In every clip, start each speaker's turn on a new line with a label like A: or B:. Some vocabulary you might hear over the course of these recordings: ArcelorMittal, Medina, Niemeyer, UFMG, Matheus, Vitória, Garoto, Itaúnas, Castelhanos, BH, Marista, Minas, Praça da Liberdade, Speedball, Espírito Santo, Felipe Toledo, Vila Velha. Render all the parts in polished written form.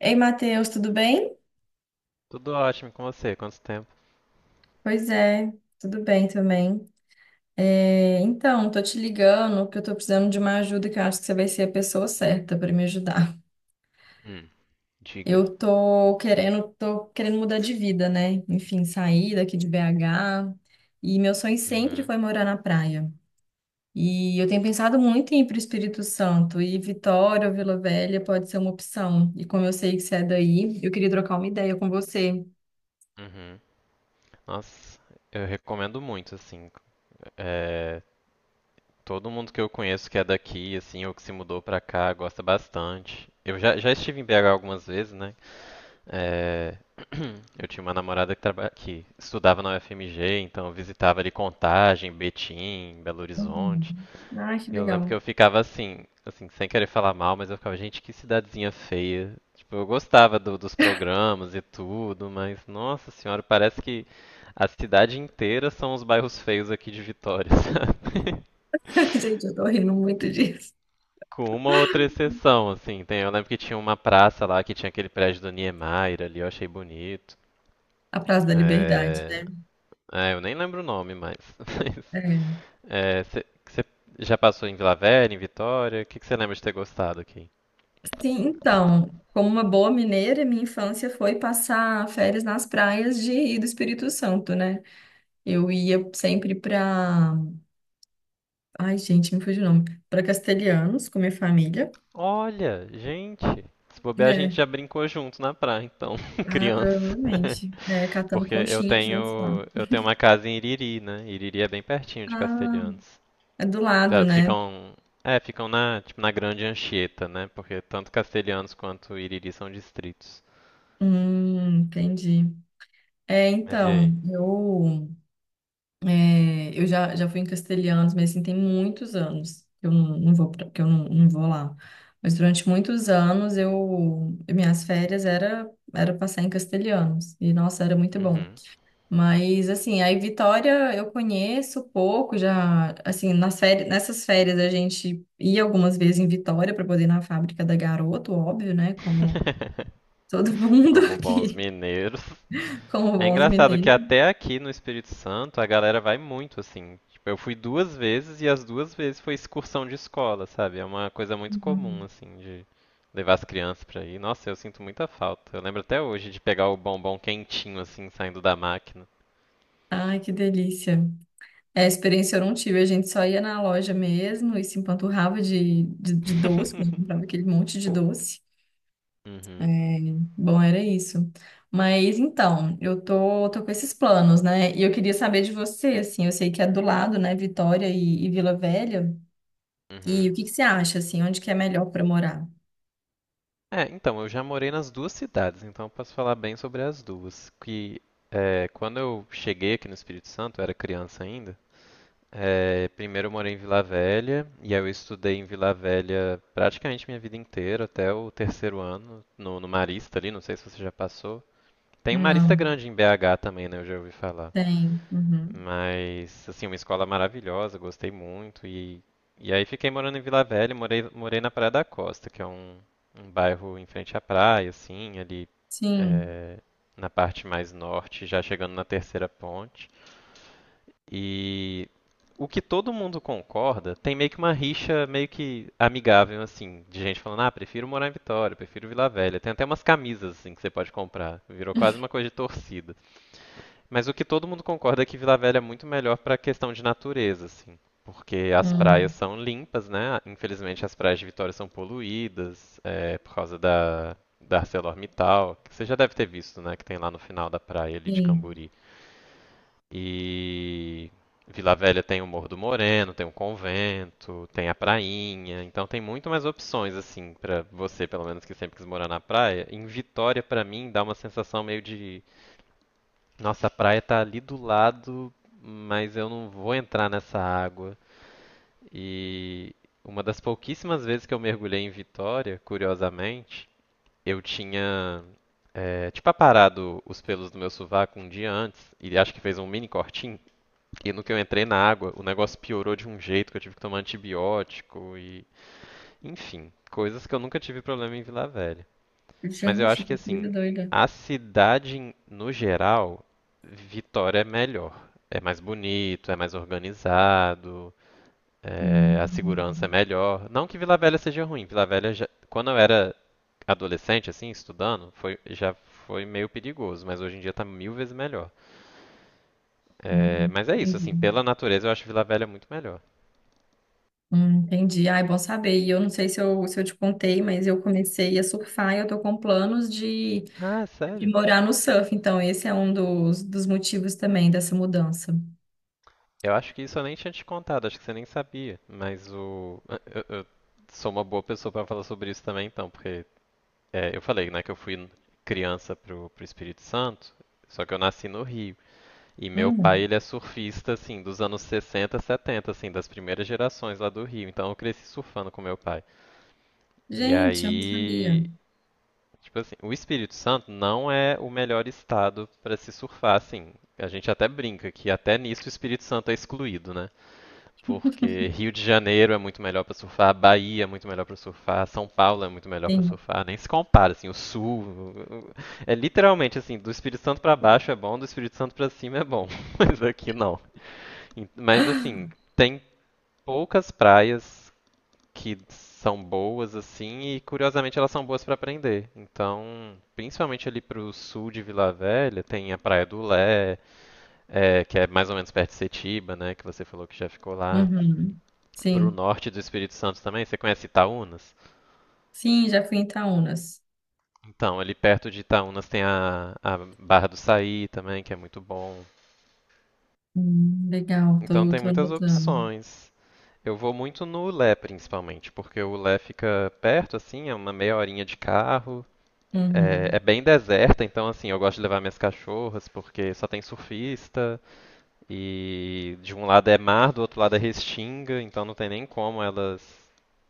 A: Ei, Matheus, tudo bem?
B: Tudo ótimo com você? Quanto tempo?
A: Pois é, tudo bem também. Então, tô te ligando porque eu tô precisando de uma ajuda que eu acho que você vai ser a pessoa certa para me ajudar.
B: Hum. Diga.
A: Eu tô querendo mudar de vida, né? Enfim, sair daqui de BH. E meu sonho sempre
B: Uhum.
A: foi morar na praia. E eu tenho pensado muito em ir para o Espírito Santo e Vitória ou Vila Velha pode ser uma opção. E como eu sei que você é daí, eu queria trocar uma ideia com você.
B: Uhum. Nossa, eu recomendo muito, assim. É, todo mundo que eu conheço que é daqui, assim, ou que se mudou pra cá, gosta bastante. Eu já estive em BH algumas vezes, né? É, eu tinha uma namorada que, que estudava na UFMG, então eu visitava ali Contagem, Betim, Belo Horizonte.
A: Uhum. Ah, que
B: E eu lembro que
A: legal.
B: eu ficava assim, sem querer falar mal, mas eu ficava, gente, que cidadezinha feia. Tipo, eu gostava dos programas e tudo, mas nossa senhora, parece que a cidade inteira são os bairros feios aqui de Vitória, sabe?
A: Gente, eu tô rindo muito disso.
B: Com uma outra exceção, assim. Tem, eu lembro que tinha uma praça lá que tinha aquele prédio do Niemeyer ali, eu achei bonito.
A: A Praça da Liberdade,
B: É...
A: né?
B: é, eu nem lembro o nome mais. Mas,
A: É.
B: você já passou em Vila Velha, em Vitória? O que que você lembra de ter gostado aqui?
A: Sim, então, como uma boa mineira, minha infância foi passar férias nas praias de do Espírito Santo, né? Eu ia sempre pra. Ai, gente, me fugiu o nome. Pra Castelhanos, com minha família.
B: Olha, gente, se bobear a gente
A: É.
B: já brincou junto na praia, então,
A: Ah,
B: criança.
A: provavelmente. É, catando
B: Porque eu
A: conchinha juntos lá.
B: tenho, eu tenho uma casa em Iriri, né? Iriri é bem pertinho de
A: Ah,
B: Castelhanos.
A: é do lado,
B: Tá,
A: né?
B: Ficam na, tipo, na Grande Anchieta, né? Porque tanto Castelhanos quanto Iriri são distritos.
A: Entendi. É,
B: Mas e aí?
A: então, eu eu já fui em Castelhanos, mas assim, tem muitos anos que eu não, não vou, pra- que eu não, não vou lá. Mas durante muitos anos, eu, minhas férias era passar em Castelhanos. E, nossa, era muito bom.
B: Uhum.
A: Mas, assim, aí Vitória eu conheço pouco, já, assim, nas férias, nessas férias a gente ia algumas vezes em Vitória para poder ir na fábrica da Garoto, óbvio, né? Como todo mundo
B: Como bons
A: aqui,
B: mineiros.
A: como
B: É
A: bons
B: engraçado que
A: mineiros.
B: até aqui no Espírito Santo a galera vai muito assim. Tipo, eu fui duas vezes e as duas vezes foi excursão de escola, sabe? É uma coisa muito comum
A: Uhum.
B: assim de levar as crianças pra ir. Nossa, eu sinto muita falta. Eu lembro até hoje de pegar o bombom quentinho assim saindo da máquina.
A: Ai, que delícia. É, experiência eu não tive, a gente só ia na loja mesmo e se empanturrava de doce, né? Comprava aquele monte de doce. É,
B: Uhum,
A: bom, era isso. Mas então, eu tô com esses planos, né? E eu queria saber de você, assim, eu sei que é do lado, né, Vitória e Vila Velha. E
B: uhum.
A: o que que você acha, assim, onde que é melhor para morar?
B: É, então, eu já morei nas duas cidades, então eu posso falar bem sobre as duas. Que quando eu cheguei aqui no Espírito Santo, eu era criança ainda, primeiro eu morei em Vila Velha, e aí eu estudei em Vila Velha praticamente minha vida inteira, até o terceiro ano, no Marista ali, não sei se você já passou. Tem um Marista
A: Não,
B: grande em BH também, né? Eu já ouvi falar.
A: tem. Uhum.
B: Mas, assim, uma escola maravilhosa, gostei muito. E aí fiquei morando em Vila Velha, morei na Praia da Costa, que é um bairro em frente à praia, assim, ali
A: Sim,
B: é, na parte mais norte, já chegando na terceira ponte. E o que todo mundo concorda, tem meio que uma rixa meio que amigável, assim, de gente falando, ah, prefiro morar em Vitória, prefiro Vila Velha. Tem até umas camisas, assim, que você pode comprar. Virou quase uma coisa de torcida. Mas o que todo mundo concorda é que Vila Velha é muito melhor para questão de natureza, assim. Porque as praias
A: hum,
B: são limpas, né? Infelizmente as praias de Vitória são poluídas, por causa da ArcelorMittal, que você já deve ter visto, né? Que tem lá no final da praia ali de
A: sim.
B: Camburi. E Vila Velha tem o Morro do Moreno, tem o convento, tem a prainha, então tem muito mais opções assim pra você, pelo menos que sempre quis morar na praia. Em Vitória, pra mim, dá uma sensação meio de, nossa, a praia tá ali do lado, mas eu não vou entrar nessa água. E uma das pouquíssimas vezes que eu mergulhei em Vitória, curiosamente, eu tinha tipo aparado os pelos do meu sovaco um dia antes e acho que fez um mini cortinho. E no que eu entrei na água, o negócio piorou de um jeito que eu tive que tomar antibiótico e, enfim, coisas que eu nunca tive problema em Vila Velha. Mas eu
A: Gente,
B: acho que
A: que
B: assim,
A: coisa doida.
B: a cidade no geral, Vitória é melhor. É mais bonito, é mais organizado, é,
A: Hum,
B: a segurança é melhor. Não que Vila Velha seja ruim. Vila Velha, quando eu era adolescente, assim, estudando, já foi meio perigoso, mas hoje em dia tá mil vezes melhor. É, mas é isso,
A: entendi.
B: assim, pela natureza eu acho Vila Velha muito melhor.
A: Entendi. Ah, é bom saber. E eu não sei se eu te contei, mas eu comecei a surfar e eu tô com planos de
B: Ah, sério?
A: morar no surf. Então, esse é um dos motivos também dessa mudança.
B: Eu acho que isso eu nem tinha te contado, acho que você nem sabia. Mas o. Eu sou uma boa pessoa pra falar sobre isso também, então, porque eu falei, né, que eu fui criança pro Espírito Santo, só que eu nasci no Rio. E meu pai,
A: Hum,
B: ele é surfista, assim, dos anos 60, 70, assim, das primeiras gerações lá do Rio. Então eu cresci surfando com meu pai. E
A: gente, eu não sabia.
B: aí. Tipo assim, o Espírito Santo não é o melhor estado pra se surfar, assim. A gente até brinca que até nisso o Espírito Santo é excluído, né? Porque Rio de Janeiro é muito melhor pra surfar, Bahia é muito melhor pra surfar, São Paulo é muito melhor pra
A: Sim.
B: surfar, nem se compara, assim, o sul é literalmente assim, do Espírito Santo pra baixo é bom, do Espírito Santo pra cima é bom, mas aqui não. Mas assim, tem poucas praias que são boas assim e curiosamente elas são boas pra aprender. Então, principalmente ali pro sul de Vila Velha, tem a Praia do Lé, que é mais ou menos perto de Setiba, né, que você falou que já ficou lá
A: Uhum.
B: para o
A: Sim.
B: norte do Espírito Santo também. Você conhece Itaúnas?
A: Sim, já fui em Itaúnas.
B: Então, ali perto de Itaúnas tem a Barra do Saí também, que é muito bom.
A: Legal,
B: Então
A: tô,
B: tem
A: tô
B: muitas
A: anotando.
B: opções. Eu vou muito no Ulé, principalmente, porque o Ulé fica perto, assim, é uma meia horinha de carro. É, é
A: Uhum.
B: bem deserta, então, assim, eu gosto de levar minhas cachorras, porque só tem surfista. E de um lado é mar, do outro lado é restinga, então não tem nem como elas,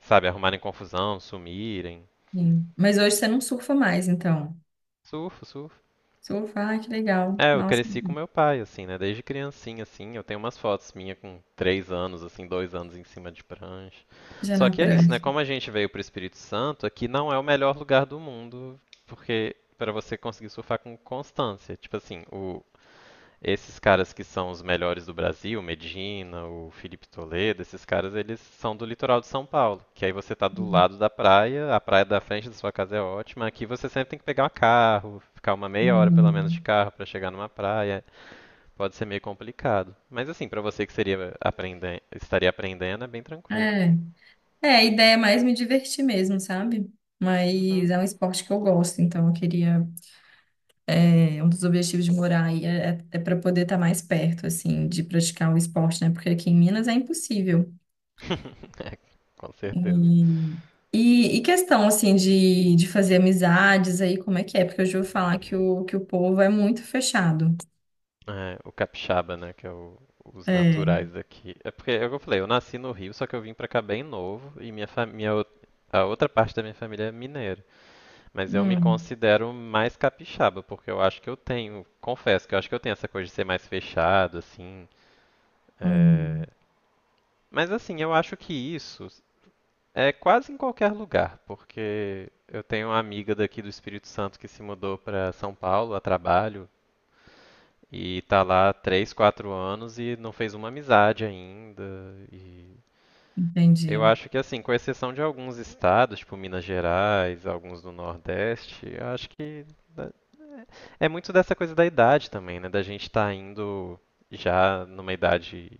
B: sabe, arrumarem confusão, sumirem.
A: Sim. Mas hoje você não surfa mais, então.
B: Surfo, surfo.
A: Surfa, ai, que legal.
B: É, eu
A: Nossa,
B: cresci com meu pai, assim, né? Desde criancinha, assim, eu tenho umas fotos minha com 3 anos, assim, 2 anos em cima de prancha.
A: já
B: Só
A: na
B: que é isso, né?
A: prancha.
B: Como a gente veio pro Espírito Santo, aqui não é o melhor lugar do mundo, porque para você conseguir surfar com constância. Tipo assim, esses caras que são os melhores do Brasil, o Medina, o Felipe Toledo, esses caras, eles são do litoral de São Paulo, que aí você tá do lado da praia, a praia da frente da sua casa é ótima, aqui você sempre tem que pegar um carro, ficar uma meia hora pelo menos de
A: Uhum.
B: carro para chegar numa praia, pode ser meio complicado. Mas assim, para você que seria aprendendo, estaria aprendendo, é bem tranquilo.
A: É. É, a ideia é mais me divertir mesmo, sabe? Mas
B: Uhum.
A: é um esporte que eu gosto, então eu queria. É, um dos objetivos de morar aí é para poder estar mais perto, assim, de praticar o esporte, né? Porque aqui em Minas é impossível.
B: é, com certeza.
A: E, e questão, assim, de fazer amizades aí, como é que é? Porque eu já ouvi falar que o povo é muito fechado.
B: É, o capixaba, né, que é os
A: É.
B: naturais daqui. É porque, é o que eu falei, eu nasci no Rio, só que eu vim pra cá bem novo e minha família, a outra parte da minha família é mineira. Mas eu me
A: Hum,
B: considero mais capixaba, porque eu acho que eu tenho, confesso que eu acho que eu tenho essa coisa de ser mais fechado, assim. é,
A: hum,
B: Mas assim, eu acho que isso é quase em qualquer lugar, porque eu tenho uma amiga daqui do Espírito Santo que se mudou pra São Paulo a trabalho. E tá lá 3, 4 anos e não fez uma amizade ainda. E eu
A: entendi.
B: acho que assim, com exceção de alguns estados, tipo Minas Gerais, alguns do Nordeste, eu acho que é muito dessa coisa da idade também, né? Da gente estar tá indo já numa idade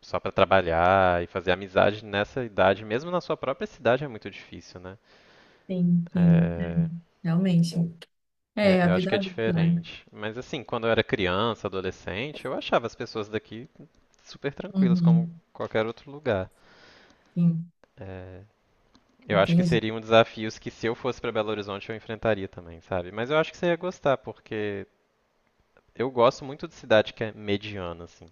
B: só para trabalhar e fazer amizade nessa idade, mesmo na sua própria cidade é muito difícil, né?
A: Sim, sim.
B: É,
A: Realmente.
B: É,
A: É, a
B: eu acho
A: vida
B: que é
A: adulta, né?
B: diferente. Mas assim, quando eu era criança, adolescente, eu achava as pessoas daqui super tranquilas, como
A: Uhum,
B: qualquer outro lugar.
A: sim,
B: É, eu acho que
A: entendi.
B: seriam desafios que se eu fosse para Belo Horizonte eu enfrentaria também, sabe? Mas eu acho que você ia gostar, porque eu gosto muito de cidade que é mediana, assim.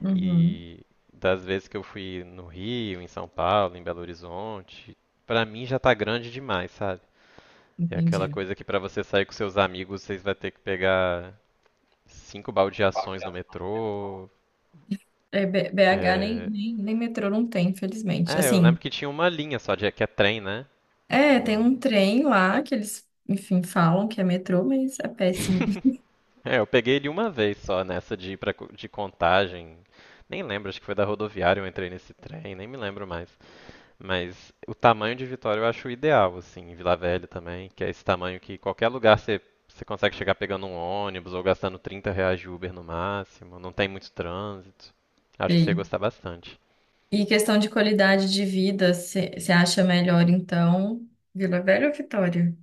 A: Uhum,
B: E das vezes que eu fui no Rio, em São Paulo, em Belo Horizonte, pra mim já tá grande demais, sabe? É aquela
A: entendi.
B: coisa que pra você sair com seus amigos, vocês vai ter que pegar 5 baldeações no metrô.
A: É, BH nem,
B: É...
A: nem, nem metrô não tem, infelizmente.
B: é, eu
A: Assim,
B: lembro que tinha uma linha só, que é trem, né?
A: é, tem
B: No-
A: um trem lá que eles, enfim, falam que é metrô, mas é péssimo.
B: eu peguei ele uma vez só nessa de ir de Contagem. Nem lembro, acho que foi da rodoviária eu entrei nesse trem, nem me lembro mais. Mas o tamanho de Vitória eu acho ideal, assim, em Vila Velha também, que é esse tamanho que qualquer lugar você, você consegue chegar pegando um ônibus ou gastando R$ 30 de Uber no máximo, não tem muito trânsito. Acho que você ia
A: Sei.
B: gostar bastante.
A: E questão de qualidade de vida, você acha melhor, então, Vila Velha ou Vitória?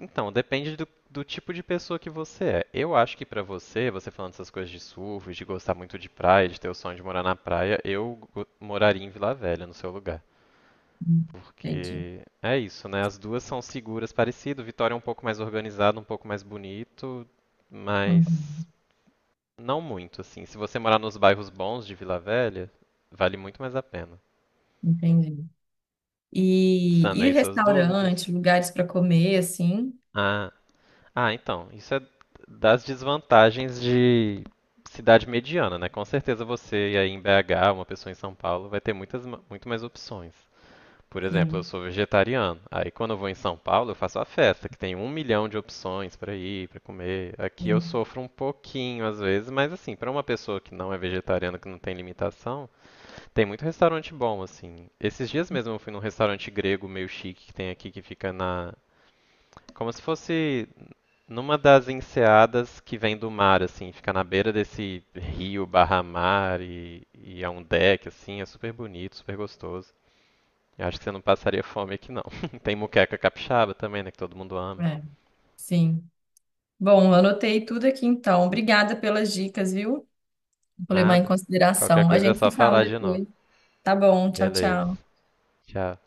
B: Então, depende do tipo de pessoa que você é. Eu acho que pra você, você falando essas coisas de surf, de gostar muito de praia, de ter o sonho de morar na praia, eu moraria em Vila Velha, no seu lugar.
A: Hum, Entendi.
B: Porque é isso, né? As duas são seguras, parecido. Vitória é um pouco mais organizado, um pouco mais bonito, mas
A: Uhum,
B: não muito, assim. Se você morar nos bairros bons de Vila Velha, vale muito mais a pena.
A: entendi. E
B: Sanei suas dúvidas.
A: restaurante, lugares para comer, assim?
B: Ah, Ah, então, isso é das desvantagens de cidade mediana, né? Com certeza você aí em BH, uma pessoa em São Paulo, vai ter muito mais opções. Por exemplo, eu
A: Sim,
B: sou vegetariano. Aí quando eu vou em São Paulo, eu faço a festa, que tem um milhão de opções para ir, para comer. Aqui eu
A: sim.
B: sofro um pouquinho às vezes, mas assim, para uma pessoa que não é vegetariana, que não tem limitação, tem muito restaurante bom, assim. Esses dias mesmo eu fui num restaurante grego meio chique que tem aqui, que fica na. Como se fosse numa das enseadas que vem do mar, assim, fica na beira desse rio barra mar e é um deck, assim, é super bonito, super gostoso. Eu acho que você não passaria fome aqui, não. Tem muqueca capixaba também, né, que todo mundo ama.
A: É, sim. Bom, anotei tudo aqui, então. Obrigada pelas dicas, viu? Vou levar em
B: Nada. Qualquer
A: consideração. A
B: coisa é
A: gente
B: só
A: se fala
B: falar de novo.
A: depois. Tá bom, tchau,
B: Beleza.
A: tchau.
B: Tchau.